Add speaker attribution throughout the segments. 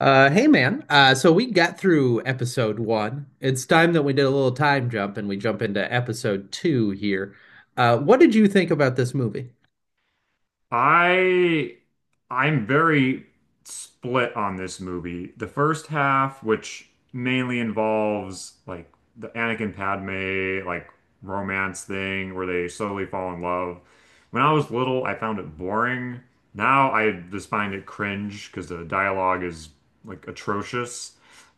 Speaker 1: Hey man. So we got through episode one. It's time that we did a little time jump and we jump into episode two here. What did you think about this movie?
Speaker 2: I I'm very split on this movie. The first half, which mainly involves like the Anakin Padme like romance thing where they slowly fall in love. When I was little, I found it boring. Now I just find it cringe because the dialogue is like atrocious.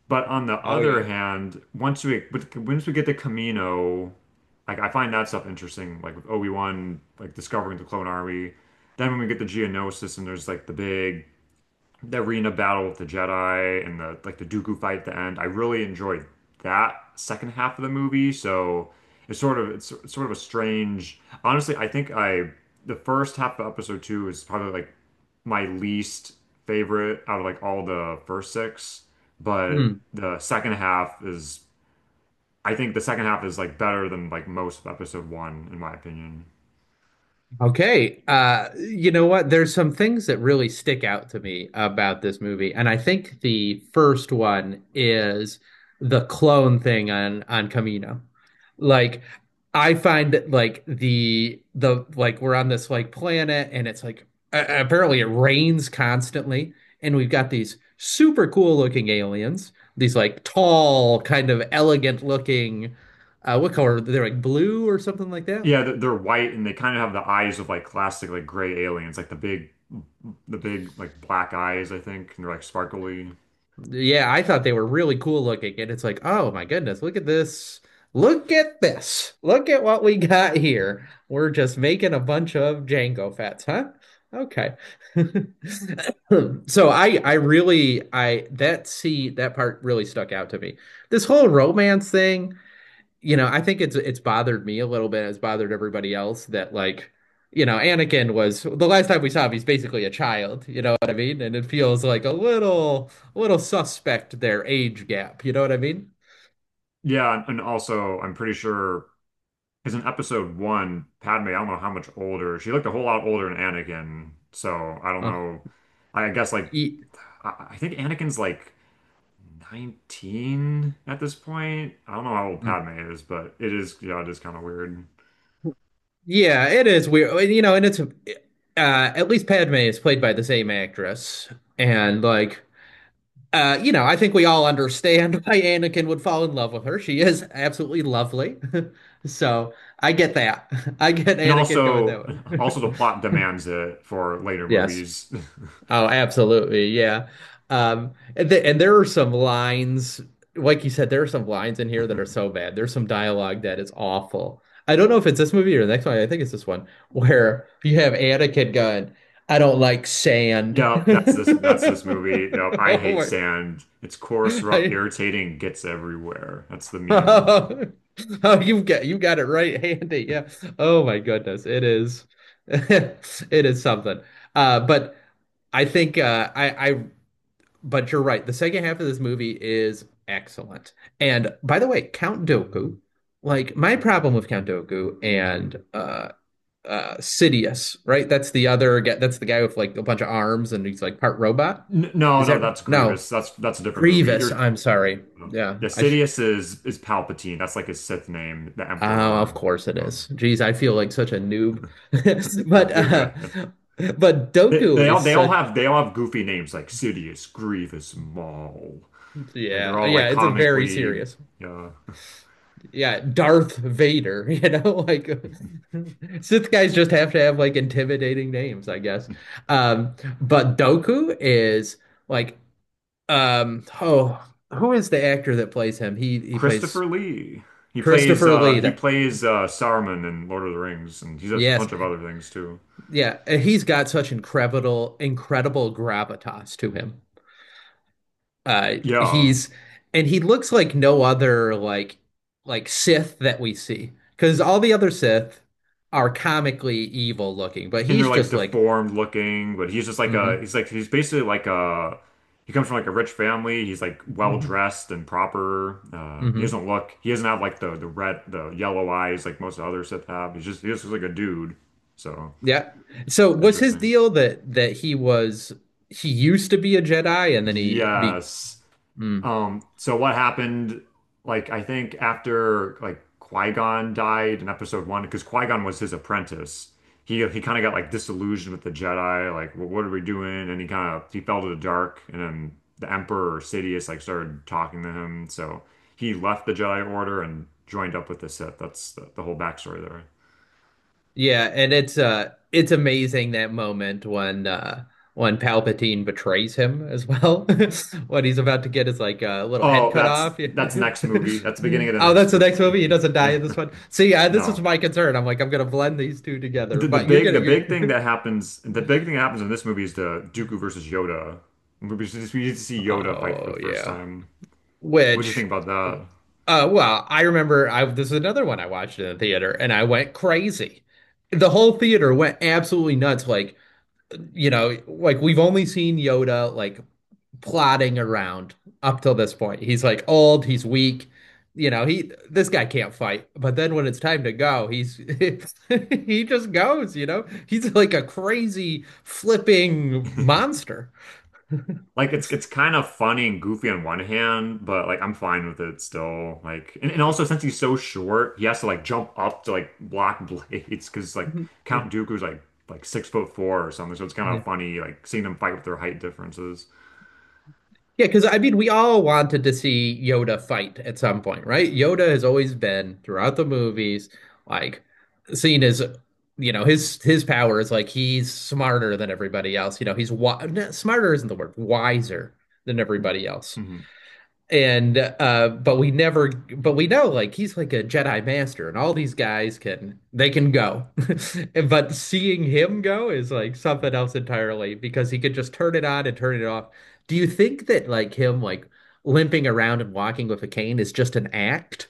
Speaker 2: But on the
Speaker 1: Oh
Speaker 2: other
Speaker 1: yeah.
Speaker 2: hand, once we get to Camino. Like, I find that stuff interesting, like with Obi-Wan, like discovering the clone army. Then when we get the Geonosis and there's like the arena battle with the Jedi and the like the Dooku fight at the end. I really enjoyed that second half of the movie. So it's sort of a strange. Honestly, I think I the first half of episode two is probably like my least favorite out of like all the first six, but the second half is I think the second half is like better than like most of episode one, in my opinion.
Speaker 1: Okay. You know what? There's some things that really stick out to me about this movie, and I think the first one is the clone thing on Camino. Like, I find that like the like we're on this like planet, and it's like apparently it rains constantly, and we've got these super cool looking aliens, these like tall, kind of elegant looking. What color? They're like blue or something like that.
Speaker 2: Yeah, they're white and they kind of have the eyes of like classic like gray aliens, like the big like black eyes. I think and they're like sparkly.
Speaker 1: Yeah, I thought they were really cool looking, and it's like, oh my goodness, look at this. Look at this. Look at what we got here. We're just making a bunch of Django fats, huh? Okay. So I that part really stuck out to me. This whole romance thing, you know, I think it's bothered me a little bit. It's bothered everybody else that like, you know, Anakin was the last time we saw him, he's basically a child, you know what I mean? And it feels like a little suspect their age gap, you know what I mean?
Speaker 2: Yeah, and also I'm pretty sure because in episode one, Padme, I don't know how much older she looked a whole lot older than Anakin. So I don't
Speaker 1: Uh,
Speaker 2: know. I guess like
Speaker 1: e-
Speaker 2: I think Anakin's like 19 at this point. I don't know how old
Speaker 1: mm.
Speaker 2: Padme is, but it is, yeah, it is kind of weird.
Speaker 1: Yeah, it is weird. You know, and it's at least Padme is played by the same actress and like you know, I think we all understand why Anakin would fall in love with her. She is absolutely lovely. So I get that. I get
Speaker 2: And
Speaker 1: Anakin going
Speaker 2: also,
Speaker 1: that
Speaker 2: the
Speaker 1: way.
Speaker 2: plot demands it for later
Speaker 1: Yes.
Speaker 2: movies.
Speaker 1: Oh, absolutely. Yeah. And there are some lines, like you said, there are some lines in here that are so bad. There's some dialogue that is awful. I don't know if it's this movie or the next one. I think it's this one where you have Anakin going, I don't like sand.
Speaker 2: Yep, that's this. That's this movie. Yep, I
Speaker 1: Oh
Speaker 2: hate
Speaker 1: my.
Speaker 2: sand. It's coarse, rough,
Speaker 1: I
Speaker 2: irritating, gets everywhere. That's the meme.
Speaker 1: Oh, you got it right handy. Yeah. Oh my goodness. It is it is something. But I think I but you're right. The second half of this movie is excellent. And by the way, Count Dooku, like my problem with Count Dooku and Sidious, right? That's the other guy, that's the guy with like a bunch of arms and he's like part robot.
Speaker 2: N no,
Speaker 1: Is
Speaker 2: no,
Speaker 1: that right?
Speaker 2: that's
Speaker 1: No.
Speaker 2: Grievous. That's a different movie.
Speaker 1: Grievous,
Speaker 2: You're
Speaker 1: I'm sorry. Yeah,
Speaker 2: yeah,
Speaker 1: I should
Speaker 2: Sidious is Palpatine. That's like his Sith name, the
Speaker 1: Oh, of
Speaker 2: Emperor.
Speaker 1: course it
Speaker 2: No,
Speaker 1: is. Geez, I feel like such a noob.
Speaker 2: they're,
Speaker 1: But
Speaker 2: they're
Speaker 1: uh
Speaker 2: good.
Speaker 1: but Doku is such
Speaker 2: They all have goofy names like Sidious, Grievous, Maul. Like, they're
Speaker 1: yeah,
Speaker 2: all
Speaker 1: yeah,
Speaker 2: like
Speaker 1: it's a very
Speaker 2: comically.
Speaker 1: serious.
Speaker 2: Yeah,
Speaker 1: Yeah, Darth Vader, you know, like Sith guys just have to have like intimidating names, I guess. Um but Doku is like oh, who is the actor that plays him? He plays
Speaker 2: Christopher Lee. He plays
Speaker 1: Christopher
Speaker 2: uh
Speaker 1: Lee.
Speaker 2: he plays uh Saruman in Lord of the Rings and he does a
Speaker 1: Yes.
Speaker 2: bunch of other things too.
Speaker 1: Yeah, and he's got such incredible incredible gravitas to him. Uh,
Speaker 2: Yeah.
Speaker 1: he's and he looks like no other like Sith that we see because all the other Sith are comically evil looking, but
Speaker 2: And they're
Speaker 1: he's
Speaker 2: like
Speaker 1: just like,
Speaker 2: deformed looking, but
Speaker 1: mm-hmm,
Speaker 2: he comes from like a rich family. He's like well
Speaker 1: mm-hmm,
Speaker 2: dressed and proper. Uh he
Speaker 1: mm-hmm,
Speaker 2: doesn't look he doesn't have like the yellow eyes like most of other Sith have. He just looks like a dude. So
Speaker 1: yeah. So was his
Speaker 2: interesting.
Speaker 1: deal that he was he used to be a Jedi and then he be
Speaker 2: Yes.
Speaker 1: mm.
Speaker 2: So what happened, like I think after like Qui-Gon died in episode one, because Qui-Gon was his apprentice. He kind of got like disillusioned with the Jedi, like, what are we doing? And he kind of he fell to the dark, and then the Emperor Sidious like started talking to him. So he left the Jedi Order and joined up with the Sith. That's the whole backstory there.
Speaker 1: Yeah, and it's amazing that moment when Palpatine betrays him as well. What he's about to get is like a little head
Speaker 2: Oh,
Speaker 1: cut
Speaker 2: that's
Speaker 1: off.
Speaker 2: that's next movie. That's the beginning of the
Speaker 1: Oh,
Speaker 2: next
Speaker 1: that's the next movie. He
Speaker 2: movie.
Speaker 1: doesn't die
Speaker 2: Yeah.
Speaker 1: in this one. See, I, this is
Speaker 2: No.
Speaker 1: my concern. I'm like, I'm gonna blend these two together. But you're gonna
Speaker 2: The
Speaker 1: you're
Speaker 2: big thing that happens the big thing that happens in this movie is the Dooku versus Yoda. We need to see Yoda fight for
Speaker 1: Oh
Speaker 2: the first
Speaker 1: yeah.
Speaker 2: time. What do you
Speaker 1: Which
Speaker 2: think about that?
Speaker 1: well, I remember I this is another one I watched in the theater and I went crazy. The whole theater went absolutely nuts. Like you know, like we've only seen Yoda like plodding around up till this point. He's like old, he's weak, you know, he this guy can't fight. But then when it's time to go, he's he just goes, you know. He's like a crazy flipping monster.
Speaker 2: Like, it's kind of funny and goofy on one hand, but like I'm fine with it still. Like, and, also since he's so short, he has to like jump up to like block blades because like Count Dooku's like 6'4" or something. So it's kind
Speaker 1: Yeah.
Speaker 2: of funny like seeing them fight with their height differences.
Speaker 1: Yeah, because I mean, we all wanted to see Yoda fight at some point, right? Yoda has always been throughout the movies, like seen as, you know, his power is like he's smarter than everybody else. You know, he's wi no, smarter isn't the word, wiser than everybody else
Speaker 2: Mhm.
Speaker 1: and but we never but we know like he's like a Jedi master and all these guys can they can go but seeing him go is like something else entirely because he could just turn it on and turn it off do you think that like him like limping around and walking with a cane is just an act.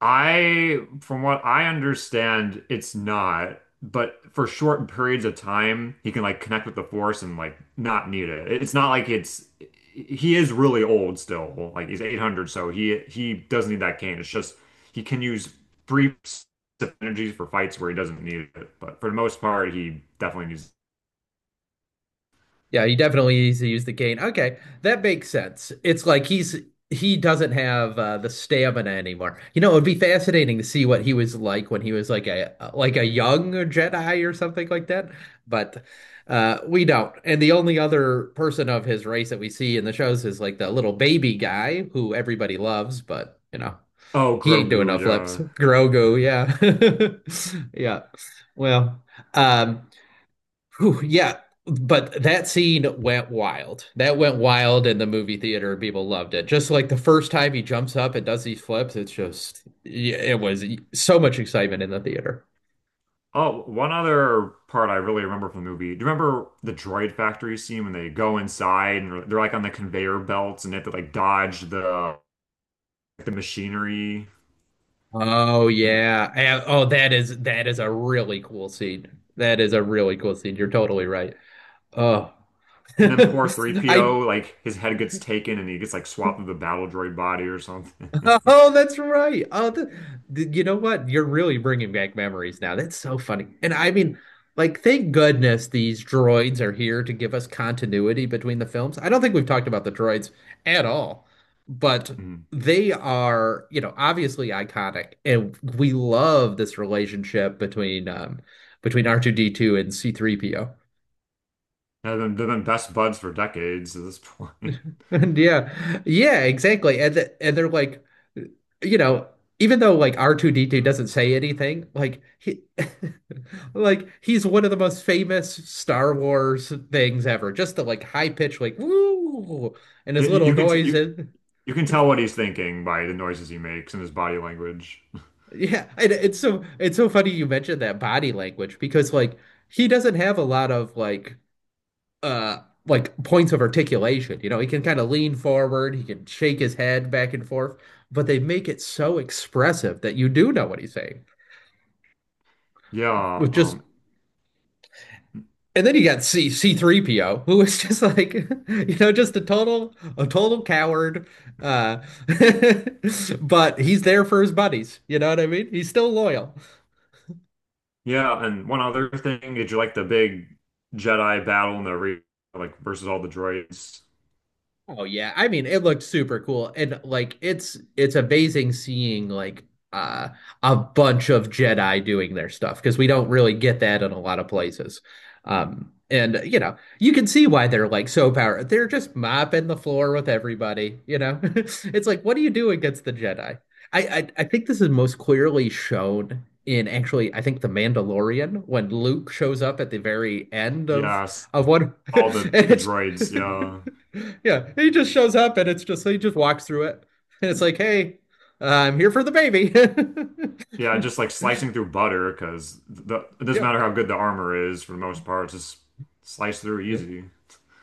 Speaker 2: From what I understand, it's not, but for short periods of time, he can like connect with the Force and like not need it. It's not like it's he is really old still. Like, he's 800, so he doesn't need that cane. It's just he can use brief energies for fights where he doesn't need it, but for the most part, he definitely needs.
Speaker 1: Yeah, he definitely needs to use the cane. Okay, that makes sense. It's like he's he doesn't have the stamina anymore. You know, it would be fascinating to see what he was like when he was like a young Jedi or something like that. But we don't. And the only other person of his race that we see in the shows is like the little baby guy who everybody loves, but you know,
Speaker 2: Oh,
Speaker 1: he ain't doing
Speaker 2: Grogu,
Speaker 1: no flips.
Speaker 2: yeah.
Speaker 1: Grogu, yeah, yeah. Well. Um, Whew, yeah, but that scene went wild. That went wild in the movie theater. People loved it. Just like the first time he jumps up and does these flips, it's just, yeah, it was so much excitement in the theater.
Speaker 2: Oh, one other part I really remember from the movie. Do you remember the droid factory scene when they go inside and they're like on the conveyor belts and they have to like dodge the machinery.
Speaker 1: Oh
Speaker 2: and
Speaker 1: yeah. And- Oh, that is a really cool scene. That is a really cool scene. You're totally right. Oh.
Speaker 2: and then poor
Speaker 1: I
Speaker 2: 3PO like his head gets taken and he gets like swapped with a battle droid body or something.
Speaker 1: oh, that's right. Oh, you know what? You're really bringing back memories now. That's so funny. And I mean, like, thank goodness these droids are here to give us continuity between the films. I don't think we've talked about the droids at all, but
Speaker 2: Mm.
Speaker 1: they are, you know, obviously iconic, and we love this relationship between between R2D2 and C3PO.
Speaker 2: They've been best buds for decades at this point.
Speaker 1: And yeah. Yeah, exactly. And they're like, you know, even though like R2D2 doesn't say anything, like he like he's one of the most famous Star Wars things ever. Just the like high pitch like woo and his
Speaker 2: You,
Speaker 1: little
Speaker 2: you can t
Speaker 1: noise
Speaker 2: you
Speaker 1: and
Speaker 2: you can tell what he's thinking by the noises he makes and his body language.
Speaker 1: yeah, and it's so funny you mentioned that body language because like he doesn't have a lot of uh like points of articulation. You know, he can kind of lean forward, he can shake his head back and forth, but they make it so expressive that you do know what he's saying.
Speaker 2: Yeah.
Speaker 1: With just and then you got C C3PO, who is just like, you know, just a total coward. Uh but he's there for his buddies, you know what I mean? He's still loyal.
Speaker 2: Yeah, and one other thing, did you like the big Jedi battle in the re like versus all the droids?
Speaker 1: Oh yeah, I mean it looked super cool and like it's amazing seeing like uh a bunch of Jedi doing their stuff because we don't really get that in a lot of places. And you know, you can see why they're like so powerful. They're just mopping the floor with everybody, you know. It's like what do you do against the Jedi? I think this is most clearly shown in actually I think The Mandalorian when Luke shows up at the very end
Speaker 2: Yes,
Speaker 1: of one
Speaker 2: all
Speaker 1: and
Speaker 2: the
Speaker 1: it's
Speaker 2: droids. Yeah,
Speaker 1: yeah, he just shows up and it's just he just walks through it and it's like, hey, I'm here for the baby.
Speaker 2: yeah, just like slicing through butter because the it doesn't
Speaker 1: Yeah,
Speaker 2: matter how good the armor is for the most part, it's just slice through
Speaker 1: yep,
Speaker 2: easy.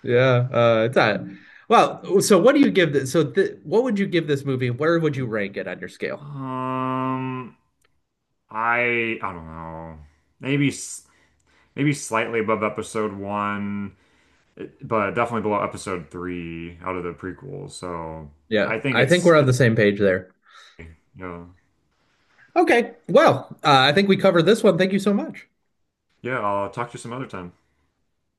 Speaker 1: yeah. It's not. Well, so what do you give this? So th what would you give this movie? Where would you rank it on your scale?
Speaker 2: Um, I don't know, maybe s- maybe slightly above episode one, but definitely below episode three out of the prequels. So
Speaker 1: Yeah,
Speaker 2: I think
Speaker 1: I think
Speaker 2: it's
Speaker 1: we're on
Speaker 2: it's
Speaker 1: the same page there.
Speaker 2: yeah.
Speaker 1: Okay, well, I think we covered this one. Thank you so much.
Speaker 2: Yeah, I'll talk to you some other time.